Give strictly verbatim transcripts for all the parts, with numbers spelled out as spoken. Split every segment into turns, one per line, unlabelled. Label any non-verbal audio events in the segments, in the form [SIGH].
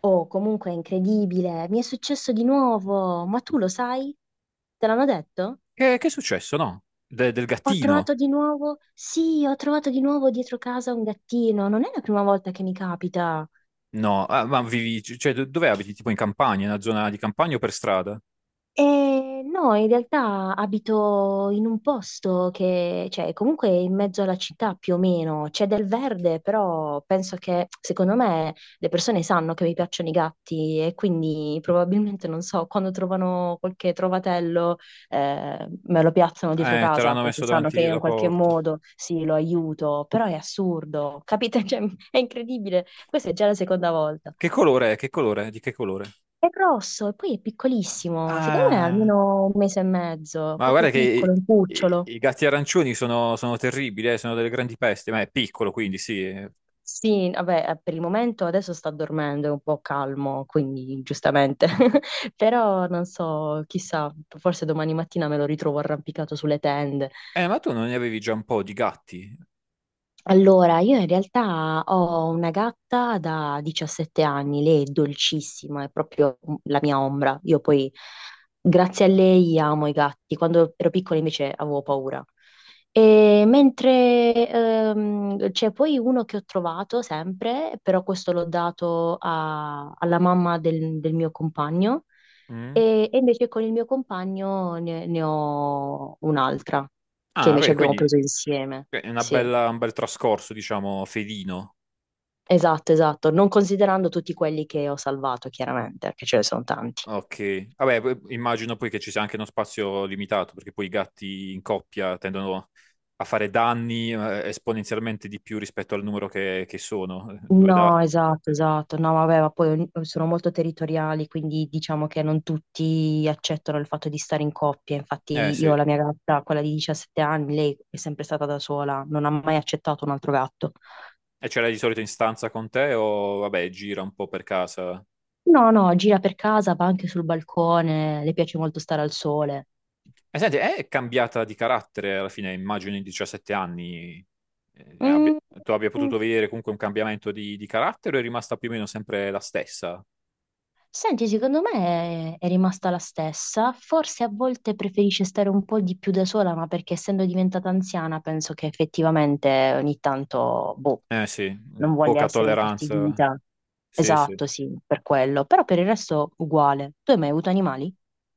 Oh, comunque è incredibile, mi è successo di nuovo, ma tu lo sai? Te l'hanno detto?
Eh, che è successo, no? De- del
Ho
gattino?
trovato di nuovo, sì, ho trovato di nuovo dietro casa un gattino, non è la prima volta che mi capita.
No, ah, ma vivi, cioè, do- dove abiti? Tipo in campagna, in una zona di campagna o per strada?
Eh, no, in realtà abito in un posto che, cioè, comunque è in mezzo alla città più o meno c'è del verde, però penso che, secondo me, le persone sanno che mi piacciono i gatti e quindi probabilmente, non so, quando trovano qualche trovatello, eh, me lo piazzano dietro
Eh, te
casa
l'hanno
perché
messo
sanno
davanti
che io in
la
qualche
porta.
modo sì, lo aiuto, però è assurdo, capite? [LAUGHS] Cioè, è incredibile. Questa è già la seconda volta.
Che colore è? Che colore? È? Di che colore?
È grosso e poi è piccolissimo, secondo me è
Ah,
almeno un mese e mezzo,
ma
proprio
guarda che
piccolo, un
i, i-
cucciolo.
i gatti arancioni sono, sono terribili, eh, sono delle grandi peste, ma è piccolo quindi sì.
Sì, vabbè, eh, per il momento adesso sta dormendo, è un po' calmo, quindi giustamente. [LAUGHS] Però non so, chissà, forse domani mattina me lo ritrovo arrampicato sulle tende.
Eh, ma tu non ne avevi già un po' di gatti?
Allora, io in realtà ho una gatta da diciassette anni, lei è dolcissima, è proprio la mia ombra. Io poi, grazie a lei, amo i gatti. Quando ero piccola invece avevo paura. E mentre ehm, c'è poi uno che ho trovato sempre, però questo l'ho dato a- alla mamma del, del mio compagno,
Mm?
e, e invece con il mio compagno ne ne ho un'altra, che
Ah,
invece
beh,
abbiamo
quindi
preso insieme.
è una
Sì.
bella- un bel trascorso, diciamo, felino.
Esatto, esatto, non considerando tutti quelli che ho salvato, chiaramente, perché ce ne sono tanti.
Ok, vabbè, p- immagino poi che ci sia anche uno spazio limitato, perché poi i gatti in coppia tendono a fare danni eh, esponenzialmente di più rispetto al numero che, che sono. Due da...
No, esatto, esatto. No, vabbè, ma poi ogni- sono molto territoriali, quindi diciamo che non tutti accettano il fatto di stare in coppia.
Eh
Infatti
sì,
io ho
e
la mia gatta, quella di diciassette anni, lei è sempre stata da sola, non ha mai accettato un altro gatto.
ce l'hai di solito in stanza con te o vabbè, gira un po' per casa?
No, no, gira per casa, va anche sul balcone, le piace molto stare al sole.
E senti, è cambiata di carattere alla fine, immagino in diciassette anni, eh, abbia-
Mm,
tu abbia
mm.
potuto vedere comunque un cambiamento di, di carattere o è rimasta più o meno sempre la stessa?
Senti, secondo me è, è rimasta la stessa, forse a volte preferisce stare un po' di più da sola, ma perché essendo diventata anziana penso che effettivamente ogni tanto, boh,
Eh sì,
non voglia
poca
essere
tolleranza,
infastidita.
sì, sì.
Esatto, sì, per quello, però per il resto uguale. Tu hai mai avuto animali?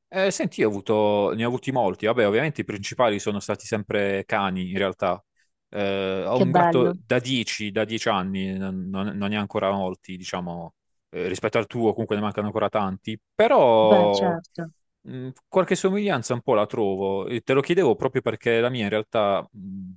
Eh, senti, io ho avuto, ne ho avuti molti. Vabbè, ovviamente i principali sono stati sempre cani, in realtà. Eh, ho
Che
un gatto
bello.
da dieci, da dieci anni, non, non- non ne ha ancora molti, diciamo, eh, rispetto al tuo, comunque ne mancano ancora tanti.
Beh,
Però
certo.
mh, qualche somiglianza un po' la trovo. E te lo chiedevo proprio perché la mia in realtà mh,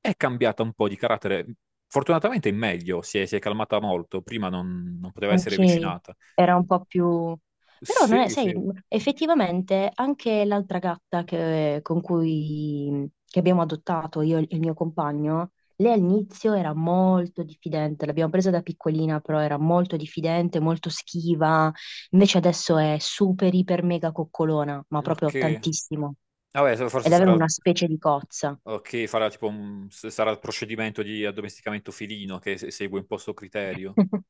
è cambiata un po' di carattere. Fortunatamente è meglio, si è, si è calmata molto. Prima non non poteva essere
Ok,
avvicinata.
era un po' più... Però non è,
Sì,
sai,
sì.
effettivamente anche l'altra gatta che, con cui che abbiamo adottato io e il mio compagno, lei all'inizio era molto diffidente, l'abbiamo presa da piccolina, però era molto diffidente, molto schiva, invece adesso è super, iper, mega coccolona, ma
Ok,
proprio tantissimo.
vabbè, so-
È
forse
davvero
sarà.
una specie di cozza.
Ok, farà tipo un- s- sarà il procedimento di addomesticamento felino che se- segue un po' sto criterio.
[LAUGHS]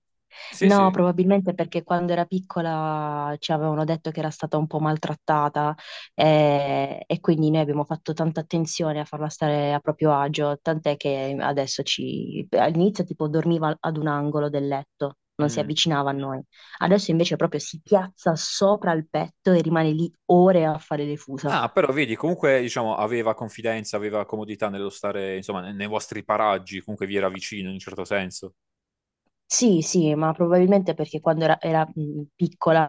Sì,
No,
sì.
probabilmente perché quando era piccola ci avevano detto che era stata un po' maltrattata eh, e quindi noi abbiamo fatto tanta attenzione a farla stare a proprio agio, tant'è che adesso ci... all'inizio tipo dormiva ad un angolo del letto, non si
Mm.
avvicinava a noi. Adesso invece proprio si piazza sopra il petto e rimane lì ore a fare le fusa.
Ah, però vedi, comunque diciamo aveva confidenza, aveva comodità nello stare, insomma, ne- nei vostri paraggi, comunque vi era vicino in un certo senso.
Sì, sì, ma probabilmente perché quando era, era, mh, piccola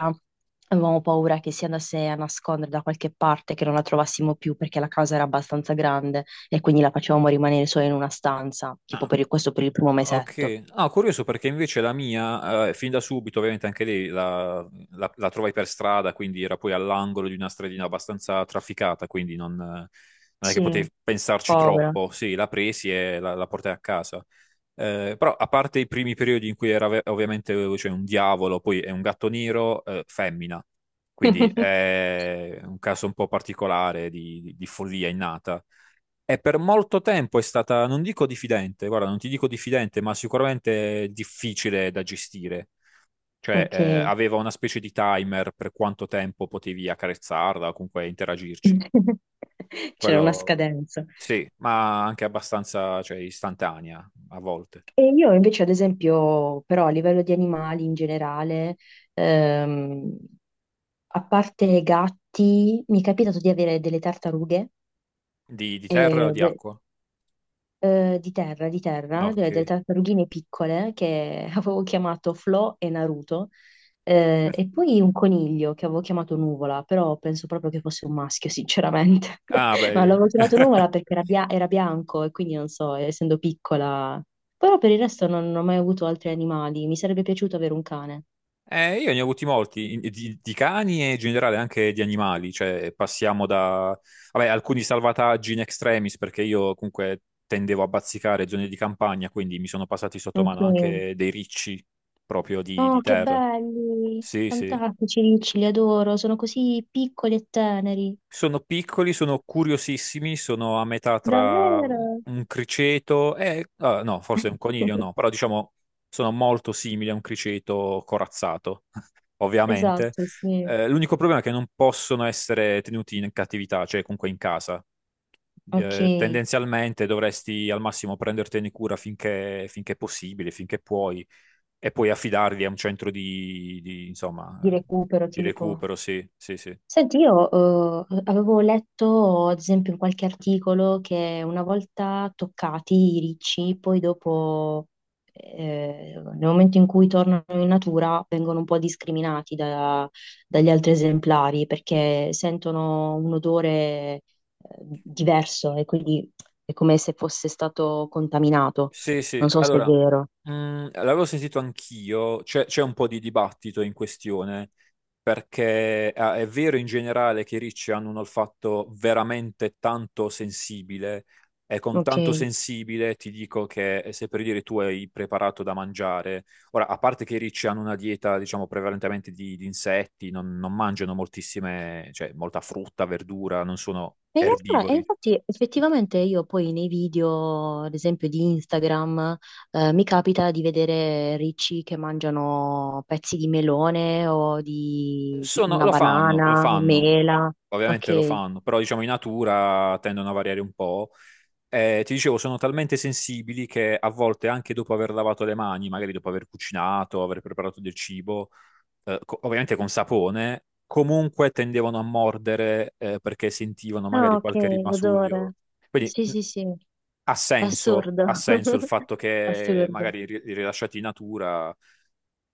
avevamo paura che si andasse a nascondere da qualche parte, che non la trovassimo più perché la casa era abbastanza grande e quindi la facevamo rimanere sola in una stanza, tipo
Ah,
per il- questo per il primo mesetto.
ok. Ah, curioso perché invece la mia, eh, fin da subito, ovviamente anche lei la, la- la trovai per strada, quindi era poi all'angolo di una stradina abbastanza trafficata, quindi non, non è che
Sì,
potevi pensarci
povera.
troppo. Sì, la presi e la la portai a casa. Eh, però a parte i primi periodi in cui era ve- ovviamente cioè, un diavolo, poi è un gatto nero, eh, femmina, quindi
[LAUGHS]
è un caso un po' particolare di, di- di follia innata. E per molto tempo è stata, non dico diffidente, guarda, non ti dico diffidente, ma sicuramente difficile da gestire. Cioè, eh,
Ok.
aveva una specie di timer per quanto tempo potevi accarezzarla o comunque interagirci.
[LAUGHS] C'era una
Quello
scadenza.
sì, ma anche abbastanza, cioè, istantanea a volte.
E io invece, ad esempio, però a livello di animali in generale, ehm, a parte gatti, mi è capitato di avere delle tartarughe
Di, di terra o
eh,
di
de-
acqua?
eh, di terra, di
Ah,
terra, de- delle
ok.
tartarughine piccole che [LAUGHS] avevo chiamato Flo e Naruto, eh, e poi un coniglio che avevo chiamato Nuvola, però penso proprio che fosse un maschio, sinceramente.
Ah,
[LAUGHS] Ma l'avevo
beh,
chiamato
[LAUGHS]
Nuvola perché era, bia- era bianco e quindi non so, essendo piccola. Però per il resto non, non ho mai avuto altri animali, mi sarebbe piaciuto avere un cane.
eh, io ne ho avuti molti, in- di, di cani e in generale anche di animali, cioè passiamo da, vabbè, alcuni salvataggi in extremis, perché io comunque tendevo a bazzicare zone di campagna, quindi mi sono passati sotto
Ok.
mano anche dei ricci proprio di, di
Oh, che
terra.
belli!
Sì, sì.
Fantastici, Ricci, li adoro, sono così piccoli e teneri.
Sono piccoli, sono curiosissimi, sono a metà tra
Davvero?
un criceto e, ah, no, forse un coniglio
[LAUGHS]
no, però diciamo sono molto simili a un criceto corazzato, [LAUGHS] ovviamente.
Esatto, sì.
Eh, l'unico problema è che non possono essere tenuti in cattività, cioè comunque in casa.
Ok,
Eh,
di
tendenzialmente dovresti al massimo prendertene cura finché, finché è possibile, finché puoi, e poi affidarli a un centro di, di, insomma, eh,
recupero
di
tipo.
recupero, sì, sì, sì.
Senti, io eh, avevo letto, ad esempio, in qualche articolo che una volta toccati i ricci, poi dopo, eh, nel momento in cui tornano in natura, vengono un po' discriminati da- dagli altri esemplari perché sentono un odore eh, diverso e quindi è come se fosse stato contaminato.
Sì, sì,
Non so se è
allora,
vero.
mh, l'avevo sentito anch'io, c'è c'è un po' di dibattito in questione, perché ah, è vero in generale che i ricci hanno un olfatto veramente tanto sensibile, e con
Ok.
tanto sensibile ti dico che eh, se per dire tu hai preparato da mangiare, ora, a parte che i ricci hanno una dieta, diciamo, prevalentemente di, di insetti, non, non mangiano moltissime, cioè molta frutta, verdura, non sono
E in realtà, e
erbivori.
infatti, effettivamente io poi nei video, ad esempio di Instagram, eh, mi capita di vedere ricci che mangiano pezzi di melone o di, di
Sono-
una
lo fanno, lo
banana,
fanno,
mela.
ovviamente lo
Ok.
fanno, però diciamo in natura tendono a variare un po'. Eh, ti dicevo, sono talmente sensibili che a volte anche dopo aver lavato le mani, magari dopo aver cucinato, aver preparato del cibo, eh, co- ovviamente con sapone, comunque tendevano a mordere, eh, perché sentivano
Ah,
magari
ok,
qualche rimasuglio.
l'odore.
Quindi
Sì,
mh,
sì, sì,
ha senso, ha
assurdo.
senso il
[LAUGHS]
fatto che
Assurdo.
magari ri- rilasciati in natura,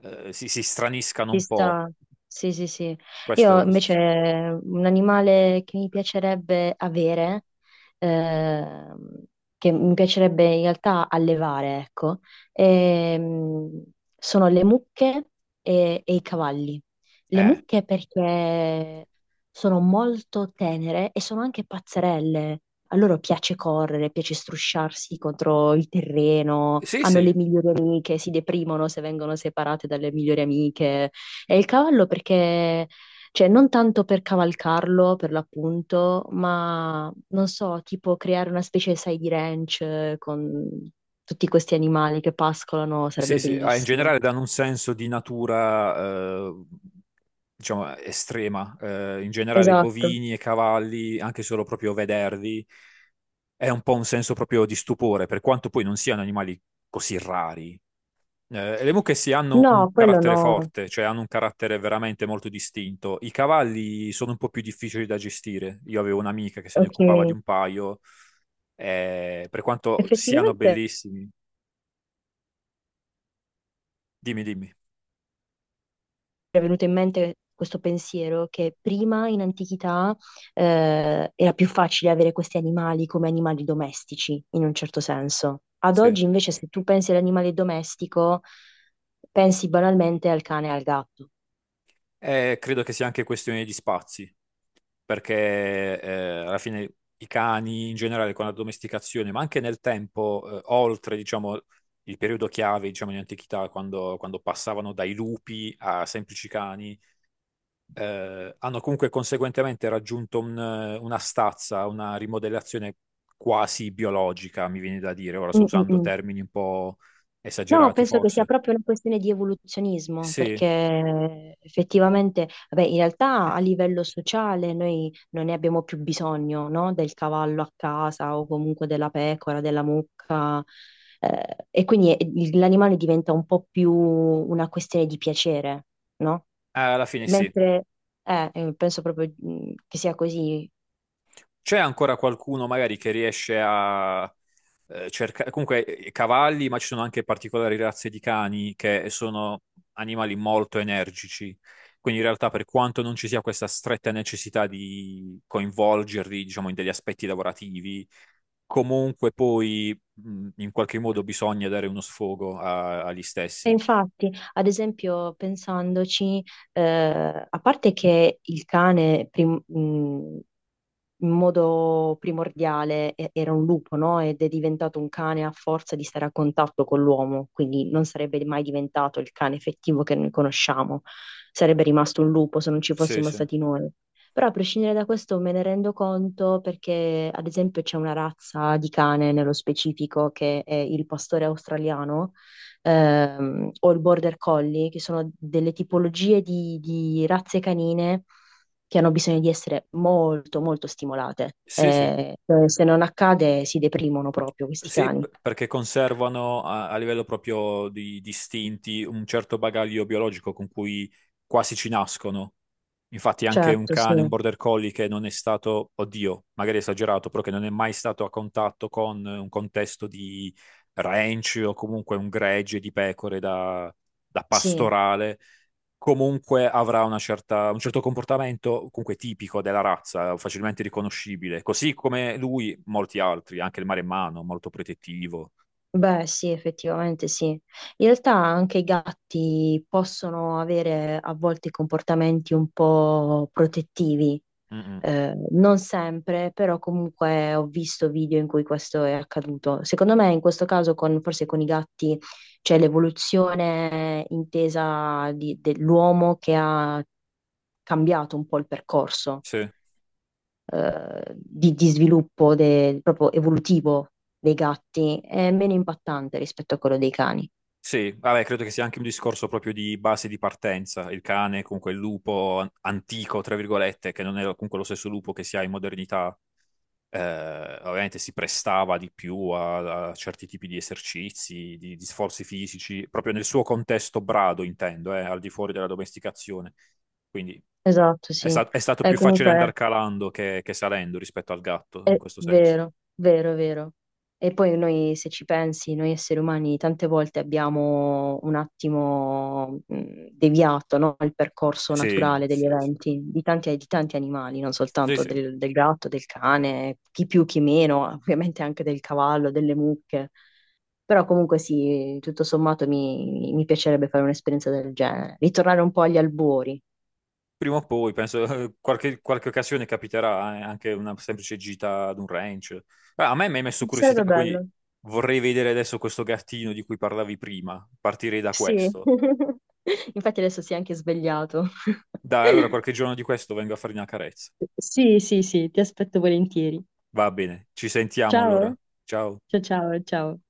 eh, si, si straniscano
Ci
un po'.
sta. Sì, sì, sì.
Questo,
Io
questo sì.
invece un animale che mi piacerebbe avere, ehm, che mi piacerebbe in realtà allevare, ecco, ehm, sono le mucche e, e i cavalli. Le
Eh.
mucche perché sono molto tenere e sono anche pazzerelle. A loro piace correre, piace strusciarsi contro il terreno,
Sì,
hanno le
sì,
migliori amiche, si deprimono se vengono separate dalle migliori amiche. E il cavallo perché, cioè non tanto per cavalcarlo, per l'appunto, ma non so, tipo creare una specie, sai, di ranch eh, con tutti questi animali che pascolano,
sì,
sarebbe
sì, ah, in
bellissimo.
generale danno un senso di natura, eh, diciamo, estrema. Eh, in generale
Esatto.
bovini e cavalli, anche solo proprio vederli, è un po' un senso proprio di stupore, per quanto poi non siano animali così rari. Eh, le mucche sì hanno un
No, quello
carattere
no.
forte, cioè hanno un carattere veramente molto distinto. I cavalli sono un po' più difficili da gestire. Io avevo un'amica che se ne
Ok.
occupava di un paio, eh, per quanto siano
Effettivamente
bellissimi. Dimmi, dimmi.
era venuto in mente questo pensiero che prima in antichità eh, era più facile avere questi animali come animali domestici, in un certo senso. Ad
Sì.
oggi invece se tu pensi all'animale domestico, pensi banalmente al cane e al gatto.
Eh, credo che sia anche questione di spazi, perché eh, alla fine i cani in generale con la domesticazione, ma anche nel tempo, eh, oltre, diciamo, il periodo chiave, diciamo, in antichità, quando, quando passavano dai lupi a semplici cani, eh, hanno comunque conseguentemente raggiunto un- una stazza, una rimodellazione quasi biologica, mi viene da dire. Ora sto
Mm, mm,
usando
mm.
termini un po'
No,
esagerati,
penso che sia
forse.
proprio una questione di evoluzionismo,
Sì,
perché effettivamente, vabbè, in realtà a
[CLEARS THROAT]
livello sociale noi non ne abbiamo più bisogno, no? Del cavallo a casa o comunque della pecora, della mucca, eh, e quindi è- il- l'animale diventa un po' più una questione di piacere, no?
alla fine sì.
Mentre, eh, eh, penso proprio mm, che sia così.
C'è ancora qualcuno magari che riesce a eh, cercare, comunque eh, cavalli, ma ci sono anche particolari razze di cani che sono animali molto energici. Quindi in realtà per quanto non ci sia questa stretta necessità di coinvolgerli, diciamo, in degli aspetti lavorativi, comunque poi mh, in qualche modo bisogna dare uno sfogo a- agli
E
stessi.
infatti, ad esempio, pensandoci... Eh, a parte che il cane, prim- mh, in modo primordiale e- era un lupo, no? Ed è diventato un cane a forza di stare a contatto con l'uomo, quindi non sarebbe mai diventato il cane effettivo che noi conosciamo, sarebbe rimasto un lupo se non ci
Sì,
fossimo
sì.
stati noi. Però a prescindere da questo me ne rendo conto perché, ad esempio, c'è una razza di cane nello specifico che è il pastore australiano ehm, o il border collie, che sono delle tipologie di di razze canine che hanno bisogno di essere molto, molto stimolate.
Sì, sì.
Eh, eh, se non accade, si deprimono proprio questi
Sì,
cani.
p- perché conservano a, a livello proprio di distinti un certo bagaglio biologico con cui quasi ci nascono. Infatti anche un
Certo, sì.
cane, un border collie che non è stato, oddio, magari è esagerato, però che non è mai stato a contatto con un contesto di ranch o comunque un gregge di pecore da, da
Sì.
pastorale, comunque avrà una certa- un certo comportamento comunque tipico della razza, facilmente riconoscibile, così come lui, molti altri, anche il maremmano, molto protettivo.
Beh, sì, effettivamente sì. In realtà anche i gatti possono avere a volte comportamenti un po' protettivi,
Mm, mm.
eh, non sempre, però comunque ho visto video in cui questo è accaduto. Secondo me in questo caso con- forse con i gatti c'è l'evoluzione intesa di- dell'uomo che ha cambiato un po' il percorso
Sì.
eh, di, di sviluppo de- proprio evolutivo dei gatti, è meno impattante rispetto a quello dei cani.
Sì, vabbè, credo che sia anche un discorso proprio di base di partenza. Il cane, comunque il lupo an- antico, tra virgolette, che non è comunque lo stesso lupo che si ha in modernità. Eh, ovviamente si prestava di più a, a certi tipi di esercizi, di, di sforzi fisici, proprio nel suo contesto brado, intendo, eh, al di fuori della domesticazione. Quindi
Esatto,
è,
sì.
sta- è stato
Eh,
più facile andare
comunque
calando che, che salendo rispetto al gatto,
è
in
è
questo senso.
vero, vero, vero. E poi noi, se ci pensi, noi esseri umani tante volte abbiamo un attimo mh, deviato, no, il percorso
Sì,
naturale degli
sì, sì.
eventi, di tanti, di tanti animali, non
Sì,
soltanto
sì.
del, del gatto, del cane, chi più, chi meno, ovviamente anche del cavallo, delle mucche. Però comunque sì, tutto sommato mi, mi piacerebbe fare un'esperienza del genere, ritornare un po' agli albori.
Prima o poi, penso, [LAUGHS] eh, qualche, qualche occasione capiterà, eh, anche una semplice gita ad un ranch. Ah, a me mi hai messo curiosità,
Sarebbe
quindi
bello.
vorrei vedere adesso questo gattino di cui parlavi prima, partirei da
Sì.
questo.
[LAUGHS] Infatti adesso si è anche svegliato.
Dai,
[LAUGHS]
allora qualche giorno di questo vengo a fargli una carezza.
Sì, sì, sì, ti aspetto volentieri.
Va bene, ci sentiamo allora.
Ciao,
Ciao.
ciao, ciao, ciao.